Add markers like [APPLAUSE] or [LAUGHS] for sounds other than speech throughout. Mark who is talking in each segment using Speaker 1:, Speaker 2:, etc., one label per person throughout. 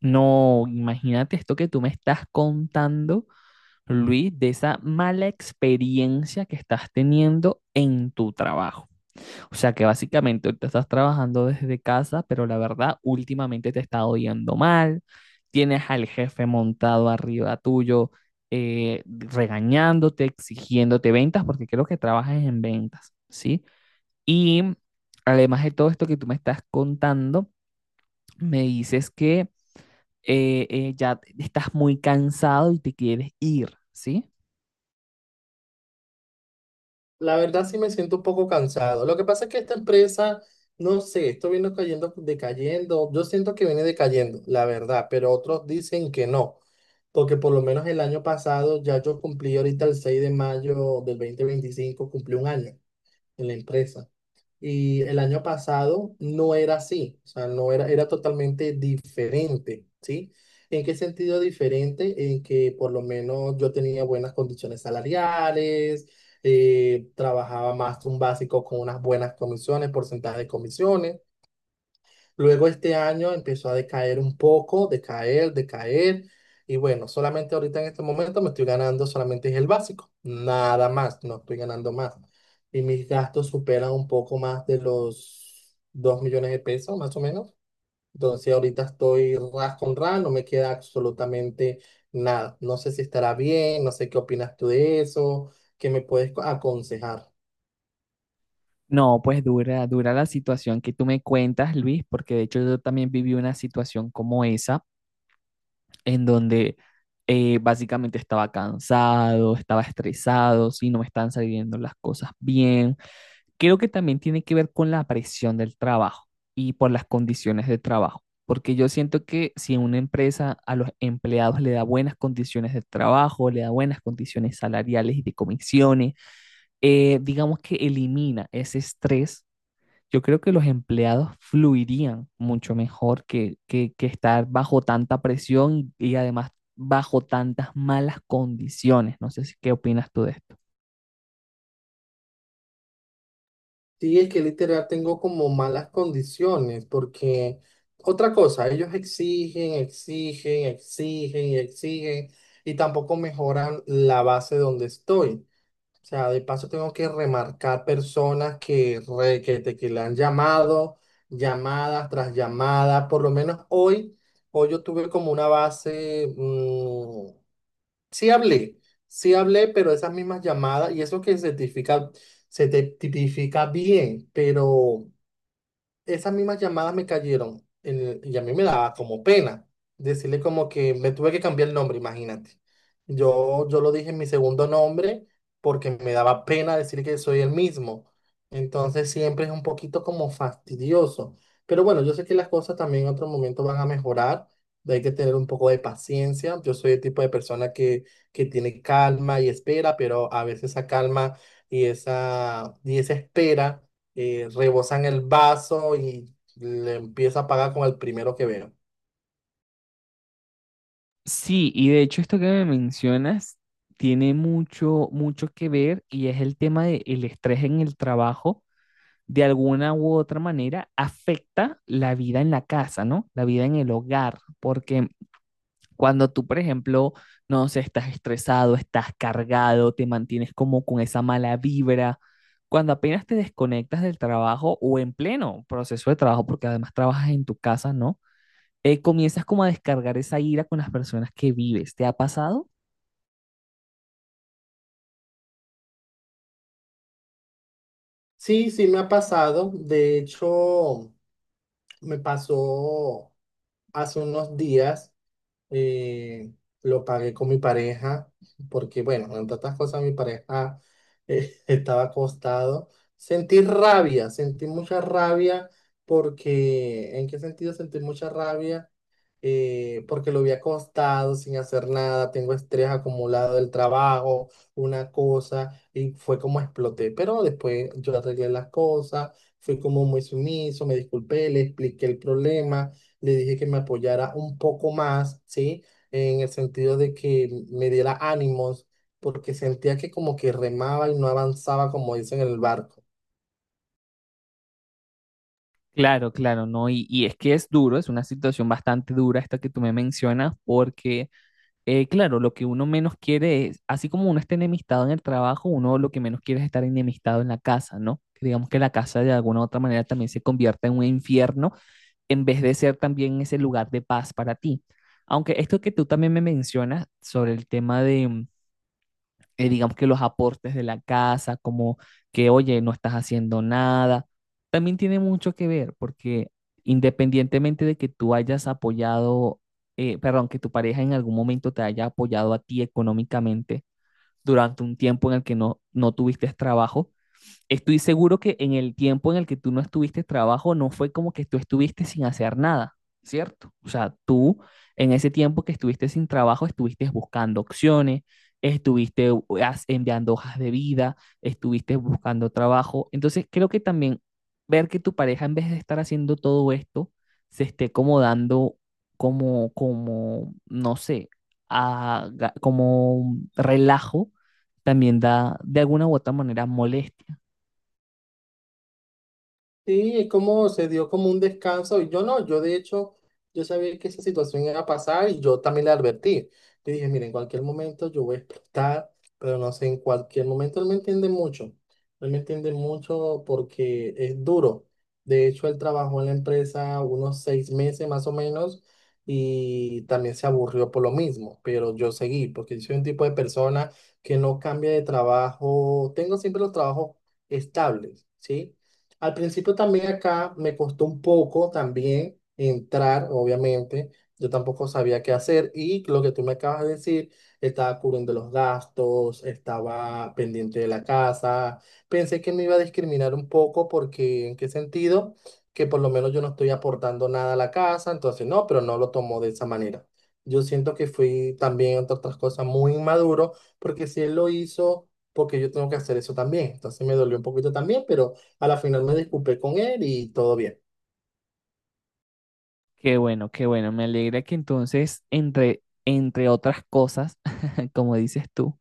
Speaker 1: No, imagínate esto que tú me estás contando, Luis, de esa mala experiencia que estás teniendo en tu trabajo. O sea que básicamente ahorita estás trabajando desde casa, pero la verdad, últimamente te está yendo mal, tienes al jefe montado arriba tuyo, regañándote, exigiéndote ventas, porque creo que trabajas en ventas, ¿sí? Y además de todo esto que tú me estás contando, me dices que ya estás muy cansado y te quieres ir, ¿sí?
Speaker 2: La verdad sí me siento un poco cansado. Lo que pasa es que esta empresa, no sé, esto viene cayendo, decayendo. Yo siento que viene decayendo, la verdad, pero otros dicen que no, porque por lo menos el año pasado ya yo cumplí ahorita el 6 de mayo de 2025 cumplí un año en la empresa. Y el año pasado no era así, o sea, no era, era totalmente diferente, ¿sí? ¿En qué sentido diferente? En que por lo menos yo tenía buenas condiciones salariales, trabajaba más un básico con unas buenas comisiones, porcentaje de comisiones. Luego este año empezó a decaer un poco, decaer, decaer. Y bueno, solamente ahorita en este momento me estoy ganando solamente es el básico, nada más, no estoy ganando más. Y mis gastos superan un poco más de los 2 millones de pesos, más o menos. Entonces ahorita estoy ras con ras, no me queda absolutamente nada. No sé si estará bien, no sé qué opinas tú de eso, qué me puedes aconsejar.
Speaker 1: No, pues dura la situación que tú me cuentas, Luis, porque de hecho yo también viví una situación como esa, en donde básicamente estaba cansado, estaba estresado, sí, no me están saliendo las cosas bien. Creo que también tiene que ver con la presión del trabajo y por las condiciones de trabajo, porque yo siento que si una empresa a los empleados le da buenas condiciones de trabajo, le da buenas condiciones salariales y de comisiones, digamos que elimina ese estrés, yo creo que los empleados fluirían mucho mejor que estar bajo tanta presión y además bajo tantas malas condiciones. No sé si qué opinas tú de esto.
Speaker 2: Sí, es que literal tengo como malas condiciones, porque otra cosa, ellos exigen, exigen, exigen y exigen, y tampoco mejoran la base donde estoy. O sea, de paso tengo que remarcar personas que, re- que, te- que le han llamado, llamadas tras llamadas. Por lo menos hoy, hoy yo tuve como una base, sí hablé, sí hablé, pero esas mismas llamadas, y eso que se tipifica, se te tipifica bien, pero esas mismas llamadas me cayeron y a mí me daba como pena decirle como que me tuve que cambiar el nombre, imagínate. Yo lo dije en mi segundo nombre porque me daba pena decir que soy el mismo. Entonces siempre es un poquito como fastidioso. Pero bueno, yo sé que las cosas también en otro momento van a mejorar. Hay que tener un poco de paciencia. Yo soy el tipo de persona que tiene calma y espera, pero a veces esa calma y esa espera rebosan el vaso y le empieza a pagar con el primero que veo.
Speaker 1: Sí, y de hecho esto que me mencionas tiene mucho que ver, y es el tema del estrés en el trabajo, de alguna u otra manera afecta la vida en la casa, ¿no? La vida en el hogar, porque cuando tú, por ejemplo, no sé, estás estresado, estás cargado, te mantienes como con esa mala vibra, cuando apenas te desconectas del trabajo o en pleno proceso de trabajo, porque además trabajas en tu casa, ¿no? Comienzas como a descargar esa ira con las personas que vives. ¿Te ha pasado?
Speaker 2: Sí, sí me ha pasado. De hecho, me pasó hace unos días, eh, lo pagué con mi pareja, porque bueno, entre otras cosas mi pareja [LAUGHS] estaba acostado. Sentí rabia, sentí mucha rabia, porque ¿en qué sentido sentí mucha rabia? Porque lo había acostado sin hacer nada, tengo estrés acumulado del trabajo, una cosa, y fue como exploté. Pero después yo arreglé las cosas, fui como muy sumiso, me disculpé, le expliqué el problema, le dije que me apoyara un poco más, ¿sí? En el sentido de que me diera ánimos, porque sentía que como que remaba y no avanzaba, como dicen en el barco.
Speaker 1: Claro, claro, no. Y es que es duro, es una situación bastante dura esta que tú me mencionas, porque claro, lo que uno menos quiere es, así como uno está enemistado en el trabajo, uno lo que menos quiere es estar enemistado en la casa, ¿no? Que digamos que la casa de alguna u otra manera también se convierta en un infierno en vez de ser también ese lugar de paz para ti. Aunque esto que tú también me mencionas sobre el tema de digamos que los aportes de la casa, como que, oye, no estás haciendo nada, también tiene mucho que ver, porque independientemente de que tú hayas apoyado, perdón, que tu pareja en algún momento te haya apoyado a ti económicamente durante un tiempo en el que no tuviste trabajo. Estoy seguro que en el tiempo en el que tú no estuviste trabajo, no fue como que tú estuviste sin hacer nada, ¿cierto? O sea, tú en ese tiempo que estuviste sin trabajo, estuviste buscando opciones, estuviste enviando hojas de vida, estuviste buscando trabajo. Entonces, creo que también ver que tu pareja, en vez de estar haciendo todo esto, se esté como dando, no sé, como relajo, también da de alguna u otra manera molestia.
Speaker 2: Sí, es como se dio como un descanso. Y Yo no, Yo de hecho, yo sabía que esa situación iba a pasar y yo también le advertí. Le dije, mira, en cualquier momento yo voy a explotar, pero no sé, en cualquier momento él me entiende mucho. Él me entiende mucho porque es duro. De hecho, él trabajó en la empresa unos 6 meses más o menos y también se aburrió por lo mismo, pero yo seguí porque yo soy un tipo de persona que no cambia de trabajo. Tengo siempre los trabajos estables, ¿sí? Al principio también acá me costó un poco también entrar, obviamente. Yo tampoco sabía qué hacer y lo que tú me acabas de decir, estaba cubriendo los gastos, estaba pendiente de la casa. Pensé que me iba a discriminar un poco porque, ¿en qué sentido? Que por lo menos yo no estoy aportando nada a la casa, entonces no, pero no lo tomó de esa manera. Yo siento que fui también, entre otras cosas, muy inmaduro porque si él lo hizo, porque yo tengo que hacer eso también. Entonces me dolió un poquito también, pero... A la final me disculpé con él y todo bien.
Speaker 1: Qué bueno, qué bueno. Me alegra que entonces, entre otras cosas, [LAUGHS] como dices tú,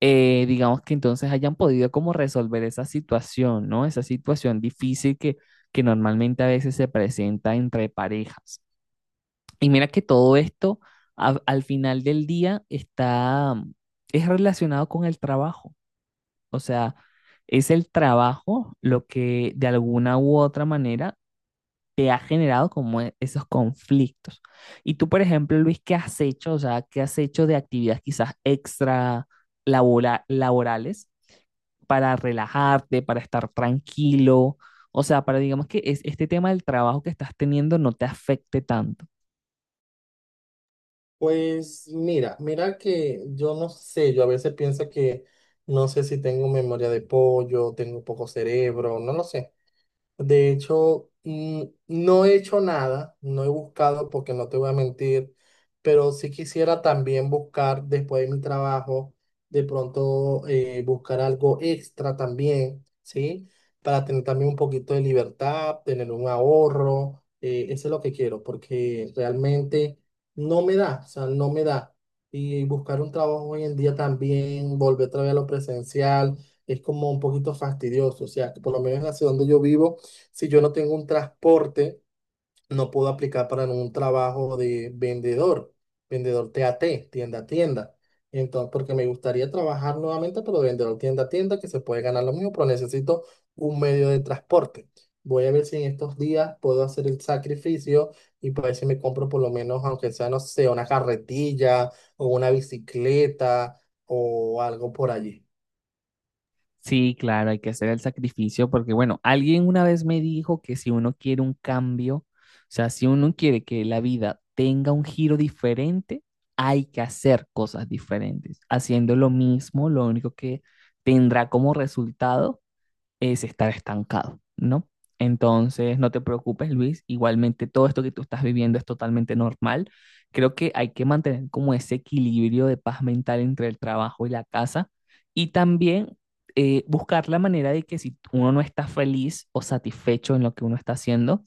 Speaker 1: digamos que entonces hayan podido como resolver esa situación, ¿no? Esa situación difícil que normalmente a veces se presenta entre parejas. Y mira que todo esto al final del día está, es relacionado con el trabajo. O sea, es el trabajo lo que de alguna u otra manera te ha generado como esos conflictos. Y tú, por ejemplo, Luis, ¿qué has hecho? O sea, ¿qué has hecho de actividades quizás extra laborales para relajarte, para estar tranquilo? O sea, para digamos que este tema del trabajo que estás teniendo no te afecte tanto.
Speaker 2: Pues mira, mira que yo no sé, yo a veces pienso que no sé si tengo memoria de pollo, tengo poco cerebro, no lo sé. De hecho, no he hecho nada, no he buscado porque no te voy a mentir, pero sí quisiera también buscar después de mi trabajo, de pronto buscar algo extra también, ¿sí? Para tener también un poquito de libertad, tener un ahorro, eso es lo que quiero, porque realmente no me da, o sea, no me da. Y buscar un trabajo hoy en día también, volver otra vez a lo presencial, es como un poquito fastidioso, o sea, que por lo menos en la ciudad donde yo vivo si yo no tengo un transporte, no puedo aplicar para un trabajo de vendedor, vendedor TAT, tienda a tienda. Entonces, porque me gustaría trabajar nuevamente, pero de vendedor tienda a tienda, que se puede ganar lo mismo, pero necesito un medio de transporte. Voy a ver si en estos días puedo hacer el sacrificio y para ver si me compro por lo menos, aunque sea, no sé, una carretilla o una bicicleta o algo por allí.
Speaker 1: Sí, claro, hay que hacer el sacrificio porque, bueno, alguien una vez me dijo que si uno quiere un cambio, o sea, si uno quiere que la vida tenga un giro diferente, hay que hacer cosas diferentes. Haciendo lo mismo, lo único que tendrá como resultado es estar estancado, ¿no? Entonces, no te preocupes, Luis. Igualmente, todo esto que tú estás viviendo es totalmente normal. Creo que hay que mantener como ese equilibrio de paz mental entre el trabajo y la casa y también buscar la manera de que si uno no está feliz o satisfecho en lo que uno está haciendo,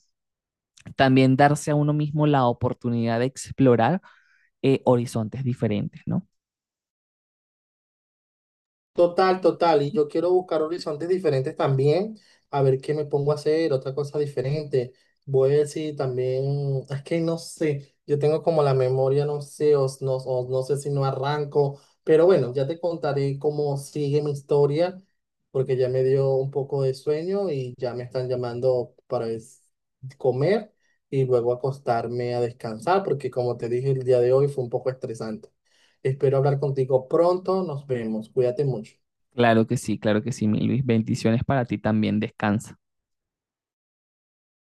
Speaker 1: también darse a uno mismo la oportunidad de explorar horizontes diferentes, ¿no?
Speaker 2: Total, total. Y yo quiero buscar horizontes diferentes también, a ver qué me pongo a hacer, otra cosa diferente. Voy a ver si también, es que no sé, yo tengo como la memoria, no sé, o no sé si no arranco, pero bueno, ya te contaré cómo sigue mi historia, porque ya me dio un poco de sueño y ya me están llamando para comer y luego acostarme a descansar, porque como te dije, el día de hoy fue un poco estresante. Espero hablar contigo pronto, nos vemos, cuídate mucho.
Speaker 1: Claro que sí, mi Luis. Bendiciones para ti también. Descansa.